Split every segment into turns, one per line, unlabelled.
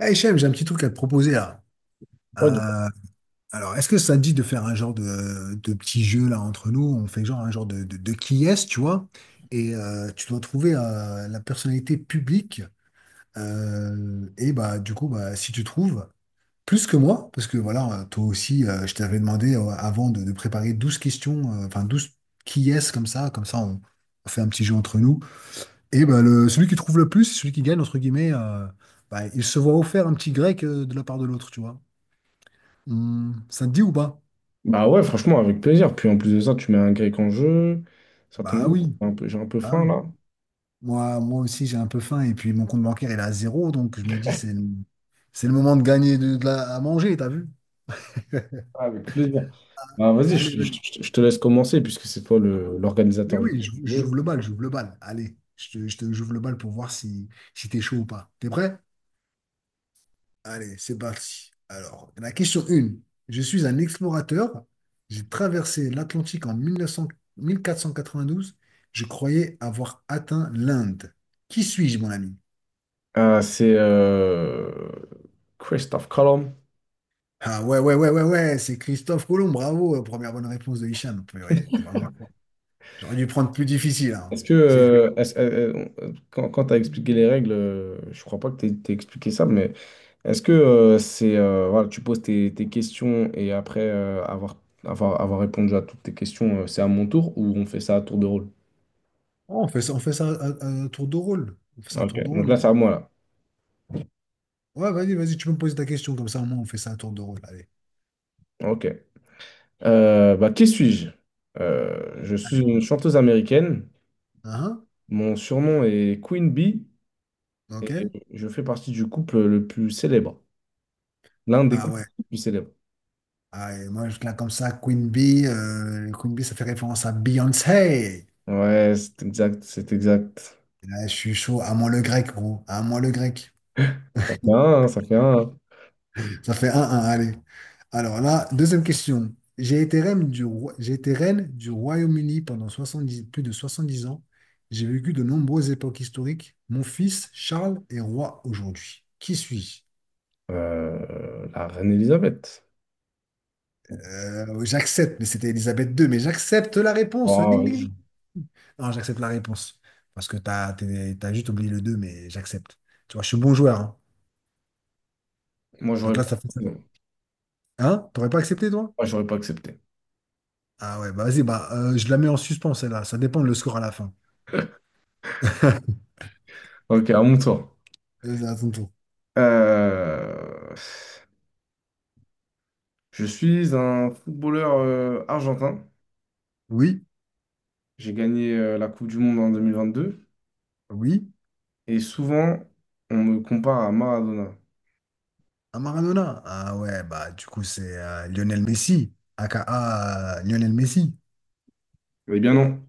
Eh Hichem, j'ai un petit truc à te proposer là.
Ouais,
Euh, alors, est-ce que ça te dit de faire un genre de petit jeu là entre nous? On fait genre un genre de qui est-ce, tu vois? Et tu dois trouver la personnalité publique. Et bah du coup, bah, si tu trouves plus que moi, parce que voilà, toi aussi, je t'avais demandé avant de préparer 12 questions, enfin 12 qui est-ce comme ça on fait un petit jeu entre nous. Et bah le, celui qui trouve le plus, celui qui gagne, entre guillemets, bah, il se voit offert un petit grec de la part de l'autre, tu vois? Hmm, ça te dit ou pas?
bah ouais, franchement, avec plaisir. Puis en plus de ça, tu mets un grec en jeu. Ça tombe
Bah
bien,
oui,
j'ai un peu
ah
faim
oui.
là.
Moi aussi, j'ai un peu faim et puis mon compte bancaire, il est à zéro, donc je me dis, c'est le moment de gagner à manger, t'as vu?
Ah, avec plaisir. Bah vas-y,
Allez, vas-y.
je te laisse commencer puisque c'est toi
Oui,
l'organisateur du
oui, j'ouvre
jeu.
le bal, j'ouvre le bal. Allez, j'ouvre le bal pour voir si, si t'es chaud ou pas. T'es prêt? Allez, c'est parti. Alors, la question 1. Je suis un explorateur. J'ai traversé l'Atlantique en mille neuf cent quatre cent quatre-vingt-douze. Je croyais avoir atteint l'Inde. Qui suis-je, mon ami?
Ah, c'est Christophe Colomb.
Ah ouais, ouais, ouais, ouais, ouais, c'est Christophe Colomb, bravo, première bonne réponse de Hicham. Purée, t'es vraiment fort. J'aurais dû prendre plus difficile, hein.
Est-ce que,
C'est chaud.
euh, est-ce- euh, quand tu as expliqué les règles, je crois pas que tu t'aies expliqué ça, mais est-ce que c'est voilà, tu poses tes questions et après avoir répondu à toutes tes questions, c'est à mon tour ou on fait ça à tour de rôle?
Oh, on fait ça à tour de rôle. On fait ça un
Ok,
tour de
donc
rôle,
là,
hein.
c'est à moi, là.
Ouais, vas-y, tu peux me poser ta question, comme ça au moins on fait ça un tour de rôle. Allez.
Ok. Bah, qui suis-je? Je suis une
Allez.
chanteuse américaine.
Hein,
Mon surnom est Queen Bee
hein, ok.
et je fais partie du couple le plus célèbre. L'un des
Ah
couples
ouais.
les plus célèbres.
Ah, et moi, je là comme ça, Queen Bee, ça fait référence à Beyoncé.
Ouais, c'est exact, c'est exact.
Et là, je suis chaud, à moi le grec, gros. À moi le grec.
Ça fait un, hein, ça fait un, hein.
Ça fait un un. Allez. Alors là, deuxième question. J'ai été reine du Royaume-Uni pendant 70 plus de 70 ans. J'ai vécu de nombreuses époques historiques. Mon fils, Charles, est roi aujourd'hui. Qui suis-je?
La reine Elisabeth.
J'accepte, mais c'était Elisabeth II, mais j'accepte la réponse.
Oh,
Ding,
oui.
ding, ding. Non, j'accepte la réponse. Parce que t'as juste oublié le 2, mais j'accepte. Tu vois, je suis bon joueur, hein.
Moi,
Donc
j'aurais
là,
pas,
ça fait ça.
non.
Hein? T'aurais pas accepté, toi?
Moi, j'aurais pas accepté.
Ah ouais, bah vas-y, bah, je la mets en suspens, celle-là. Ça dépend de le score à la fin.
Ok, à mon tour.
À ton tour.
Euh, Je suis un footballeur argentin.
Oui,
J'ai gagné la Coupe du Monde en 2022.
oui,
Et souvent, on me compare à Maradona.
à Maradona. Ah ouais, bah du coup c'est Lionel Messi, aka Lionel Messi.
Eh bien non.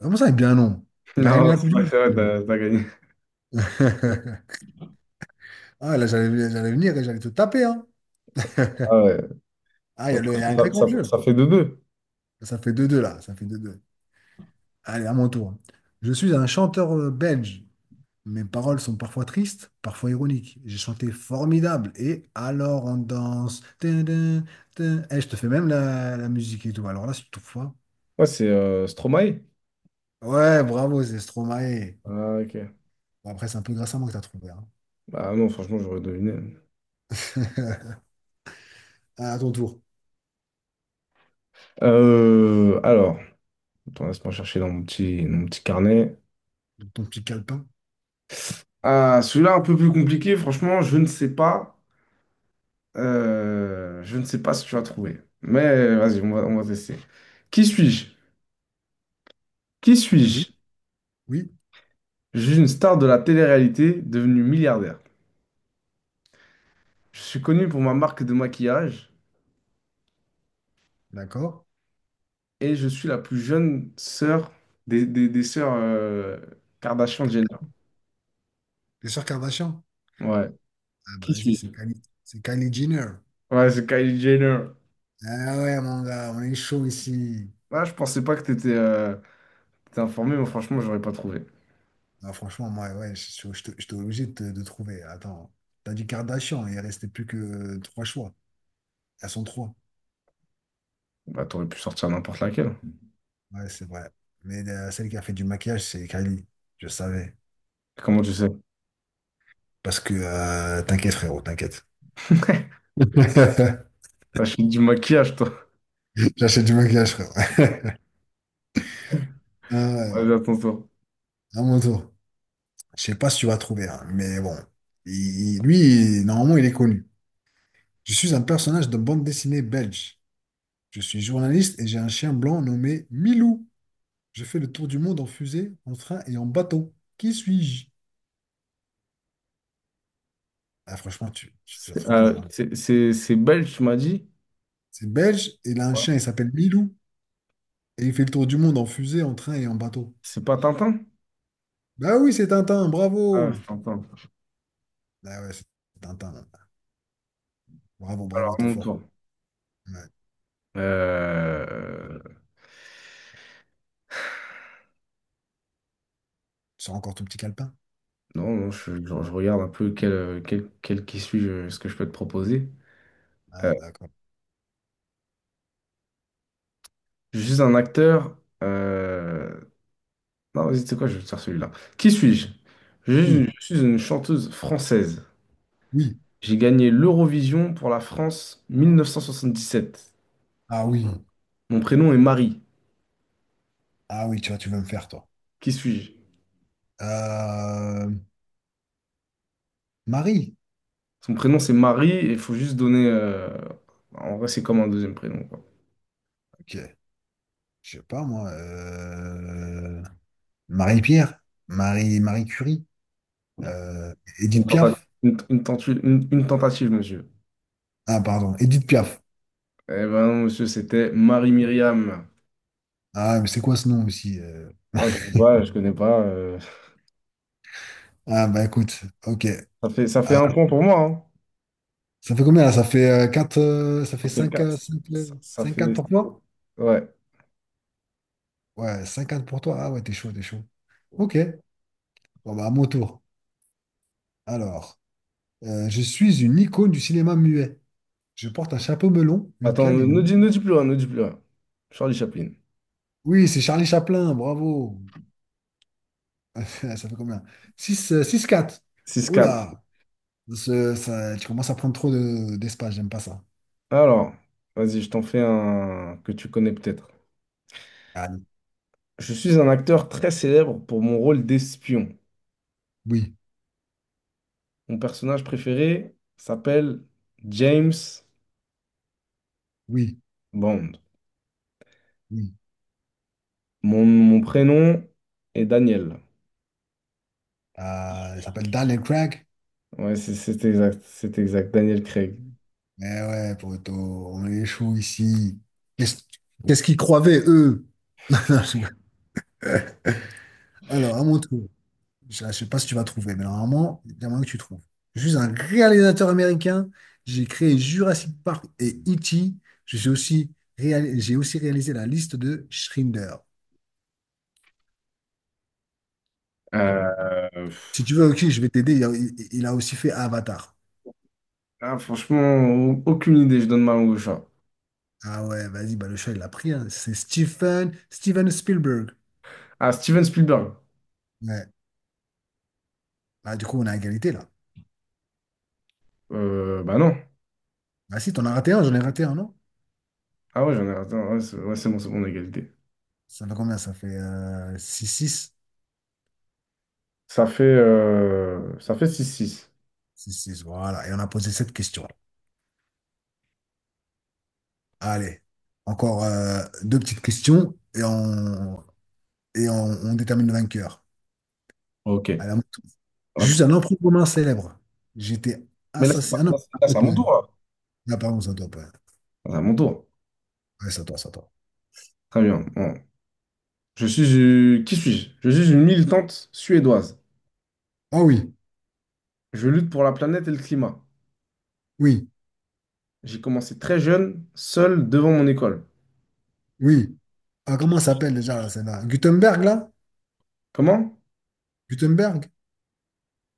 Comment ça, il est bien non? Il a gagné
Non,
la Coupe du
c'est vrai,
Monde.
t'as gagné.
Ah là, j'allais venir et j'allais te taper. Hein.
Ah ouais.
Ah,
Donc,
il y a un grec en jeu là.
ça fait 2-2.
Ça fait deux deux là, ça fait deux deux. Allez, à mon tour. Je suis un chanteur belge. Mes paroles sont parfois tristes, parfois ironiques. J'ai chanté Formidable et Alors on danse. Tin, tin, tin. Eh, je te fais même la musique et tout. Alors là, c'est tout fois.
Ouais, c'est Stromae.
Ouais, bravo, c'est Stromae.
Ah, ok.
Bon, après, c'est un peu grâce à moi que t'as trouvé, hein.
Bah non, franchement, j'aurais deviné.
À ton tour.
Alors, attends, laisse-moi chercher dans mon petit carnet.
Ton petit calepin.
Ah, celui-là, un peu plus compliqué, franchement, je ne sais pas. Je ne sais pas si tu as trouvé. Mais vas-y, on va tester. Qui suis-je? Qui
Oui,
suis-je?
oui,
Je suis une star de la télé-réalité devenue milliardaire. Je suis connue pour ma marque de maquillage
d'accord.
et je suis la plus jeune sœur des sœurs Kardashian-Jenner.
T'es sûr Kardashian?
Ouais,
Ah bah vas-y, c'est Kylie Jenner.
ouais, c'est Kylie Jenner.
Ah ouais, mon gars, on est chaud ici.
Ah, je pensais pas que t'étais informé, mais franchement, j'aurais pas trouvé.
Ah, franchement, moi, ouais, j'étais obligé de trouver. Attends, t'as dit Kardashian, il restait plus que trois choix. Elles sont trois.
Bah, t'aurais pu sortir n'importe laquelle.
Ouais, c'est vrai. Mais celle qui a fait du maquillage, c'est Kylie. Je savais.
Comment tu sais?
Parce que, t'inquiète, frérot, t'inquiète.
T'achètes du maquillage, toi.
J'achète du maquillage, frérot. Ah
Allez,
ouais,
à ton tour.
à mon tour. Je sais pas si tu vas trouver, hein, mais bon. Il- lui, normalement, il est connu. Je suis un personnage de bande dessinée belge. Je suis journaliste et j'ai un chien blanc nommé Milou. J'ai fait le tour du monde en fusée, en train et en bateau. Qui suis-je? Ah, franchement, tu l'as trouvé normalement.
C'est belge, tu m'as dit?
C'est belge, et il a un
Ouais.
chien, il s'appelle Milou, et il fait le tour du monde en fusée, en train et en bateau.
C'est pas Tintin?
Bah oui, c'est Tintin,
Ah,
bravo!
c'est Tintin.
Ah ouais, c'est Tintin là. Bravo,
Alors,
bravo, t'es
mon
fort.
tour.
Ouais.
Euh,
Tu sors encore ton petit calepin?
Non, non, je regarde un peu quel qui suis je ce que je peux te proposer. Euh,
Ah, d'accord.
je suis un acteur. euh, Non, vas-y, tu sais quoi, je vais te faire celui-là. Qui suis-je? Je, suis
Oui,
je suis une chanteuse française.
oui.
J'ai gagné l'Eurovision pour la France 1977.
Ah oui.
Mon prénom est Marie.
Ah oui, tu vois, tu veux me faire, toi.
Qui suis-je?
Euh, Marie.
Son prénom c'est Marie et il faut juste donner. En vrai, c'est comme un deuxième prénom, quoi.
Ok. Je sais pas, moi. Marie-Pierre. Marie Curie. Euh,
Une
Edith
tentative,
Piaf?
une tentative, monsieur.
Ah, pardon, Edith Piaf.
Eh ben non, monsieur, c'était Marie-Myriam.
Ah, mais c'est quoi ce nom aussi?
Moi, je sais pas, je connais pas.
Ah, bah écoute, ok.
Ça fait
Ah,
un point pour moi, hein.
ça fait combien là? Ça fait ça fait
Ça fait
5,
quatre. Ça
5
fait.
4 pour toi?
Ouais.
Ouais, 5 4 pour toi. Ah ouais, t'es chaud, t'es chaud. Ok, bon bah à mon tour. Alors, je suis une icône du cinéma muet. Je porte un chapeau melon, une
Attends,
canne et
ne
une...
dis, ne dis plus rien, ne dis plus rien. Charlie Chaplin.
Oui, c'est Charlie Chaplin, bravo. Ça fait combien? 6, 6 4.
Six
Oh
quatre.
là, tu commences à prendre trop d'espace, j'aime pas ça.
Alors, vas-y, je t'en fais un que tu connais peut-être.
Ah,
Je suis un acteur très célèbre pour mon rôle d'espion.
oui,
Mon personnage préféré s'appelle James
oui,
Bond.
oui.
Mon prénom est Daniel.
Il s'appelle Daniel Craig.
Ouais, c'est exact, Daniel Craig.
Mais ouais, poto, on est chaud ici. Qu'est-ce qu'est-ce qu'ils croyaient, eux? Non, je rigole. Alors, à mon tour. Je ne sais pas si tu vas trouver, mais normalement, il y a moyen que tu trouves. Je suis un réalisateur américain. J'ai créé Jurassic Park et E.T. Je suis aussi réal- j'ai aussi réalisé La Liste de Schindler.
Euh,
Si tu
pff,
veux, ok, je vais t'aider. Il a aussi fait Avatar.
ah, franchement, aucune idée, je donne ma langue au chat.
Ah ouais, vas-y, bah, le chat, il l'a pris, hein. C'est Steven Spielberg.
Ah, Steven Spielberg.
Ouais. Ah, du coup, on est à égalité là.
Bah non.
Ah si, t'en as raté un, j'en ai raté un, non?
Ah ouais, j'en ai. Attends, ouais, c'est bon, on a égalité.
Ça fait combien? Ça fait six six
Ça fait 6-6.
six 6, voilà. Et on a posé cette question. Allez, encore deux petites questions et on détermine le vainqueur.
Ok.
Allez, à la-
Ah,
juste un emprunt commun célèbre. J'étais
Mais là, c'est
assassiné.
pas,
Ah non,
là,
ça peut
c'est à mon
poser.
tour, là.
Ah, pardon, c'est à toi, pardon.
C'est à mon tour.
Ouais, c'est à toi, c'est à toi.
Très bien. Bon. Je suis. Qui suis-je? Je suis une militante suédoise.
Ah oui,
Je lutte pour la planète et le climat.
oui,
J'ai commencé très jeune, seul, devant mon école.
oui. Ah, comment ça s'appelle déjà là, celle-là? Gutenberg, là?
Comment?
Gutenberg?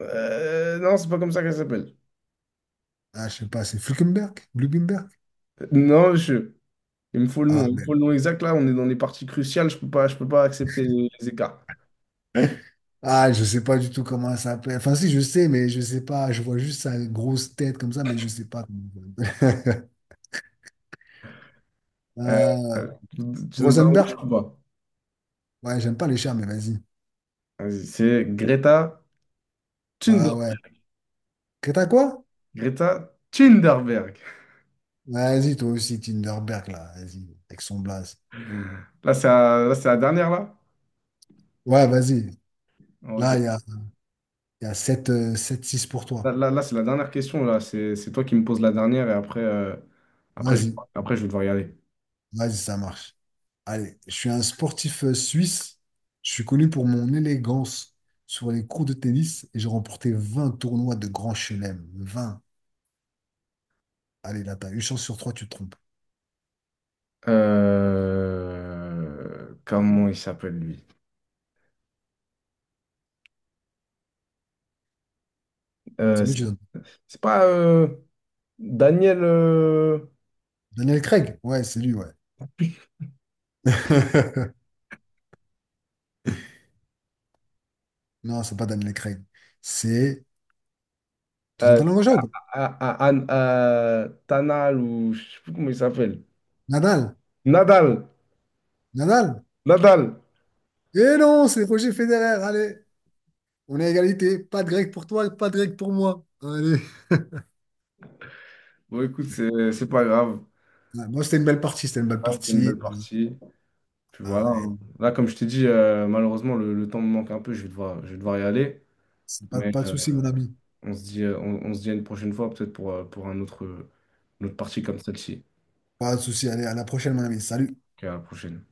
Non, c'est pas comme ça qu'elle s'appelle.
Ah, je sais pas, c'est Fluckenberg? Blumenberg?
Non, monsieur. Il me faut le
Ah,
nom. Il me faut le nom exact. Là, on est dans des parties cruciales. Je peux pas accepter les écarts.
ah, je sais pas du tout comment elle s'appelle. Enfin, si, je sais, mais je sais pas. Je vois juste sa grosse tête comme ça, mais je sais pas comment elle s'appelle.
Euh,
Euh,
euh, Tu donnes un rouge ou
Rosenberg?
pas?
Ouais, j'aime pas les chats, mais vas-y.
Vas-y, c'est Greta
Ah
Thunberg.
ouais. Que t'as quoi?
Greta Thunberg.
Vas-y, toi aussi, Tinderberg, là. Vas-y, avec son blaze.
Là, c'est la dernière, là?
Ouais, vas-y.
Ah,
Là,
Ok.
il y a 7, 7-6 pour
Là,
toi.
là, là, c'est la dernière question, là. C'est toi qui me poses la dernière et après, je,
Vas-y,
après, je vais devoir y aller.
vas-y, ça marche. Allez, je suis un sportif suisse. Je suis connu pour mon élégance sur les cours de tennis et j'ai remporté 20 tournois de Grand Chelem. 20. Allez, là, t'as une chance sur trois, tu te trompes.
Comment il s'appelle, lui? Euh,
C'est mieux,
c'est
tu donnes.
c'est pas Daniel.
Daniel Craig? Ouais, c'est lui, ouais. Non, c'est pas Daniel Craig. C'est. Tu donnes
Euh,
ta langue au chat ou pas?
Tanal ou je sais plus comment il s'appelle.
Nadal.
Nadal.
Nadal.
Nadal.
Eh non, c'est Roger Federer. Allez, on est à égalité. Pas de grec pour toi, pas de grec pour moi. Allez.
Bon, écoute, c'est pas grave.
Ouais, moi, c'était une belle partie. C'était une belle
Ah, c'était une
partie.
belle partie. Puis voilà,
Ah, et
hein. Là, comme je t'ai dit, malheureusement, le temps me manque un peu. Je vais devoir y aller.
c'est pas,
Mais
pas de souci, mon ami.
on se dit, on se dit à une prochaine fois, peut-être pour un autre, une autre partie comme celle-ci.
Pas de souci. Allez, à la prochaine, mon ami. Salut.
Ok, à la prochaine.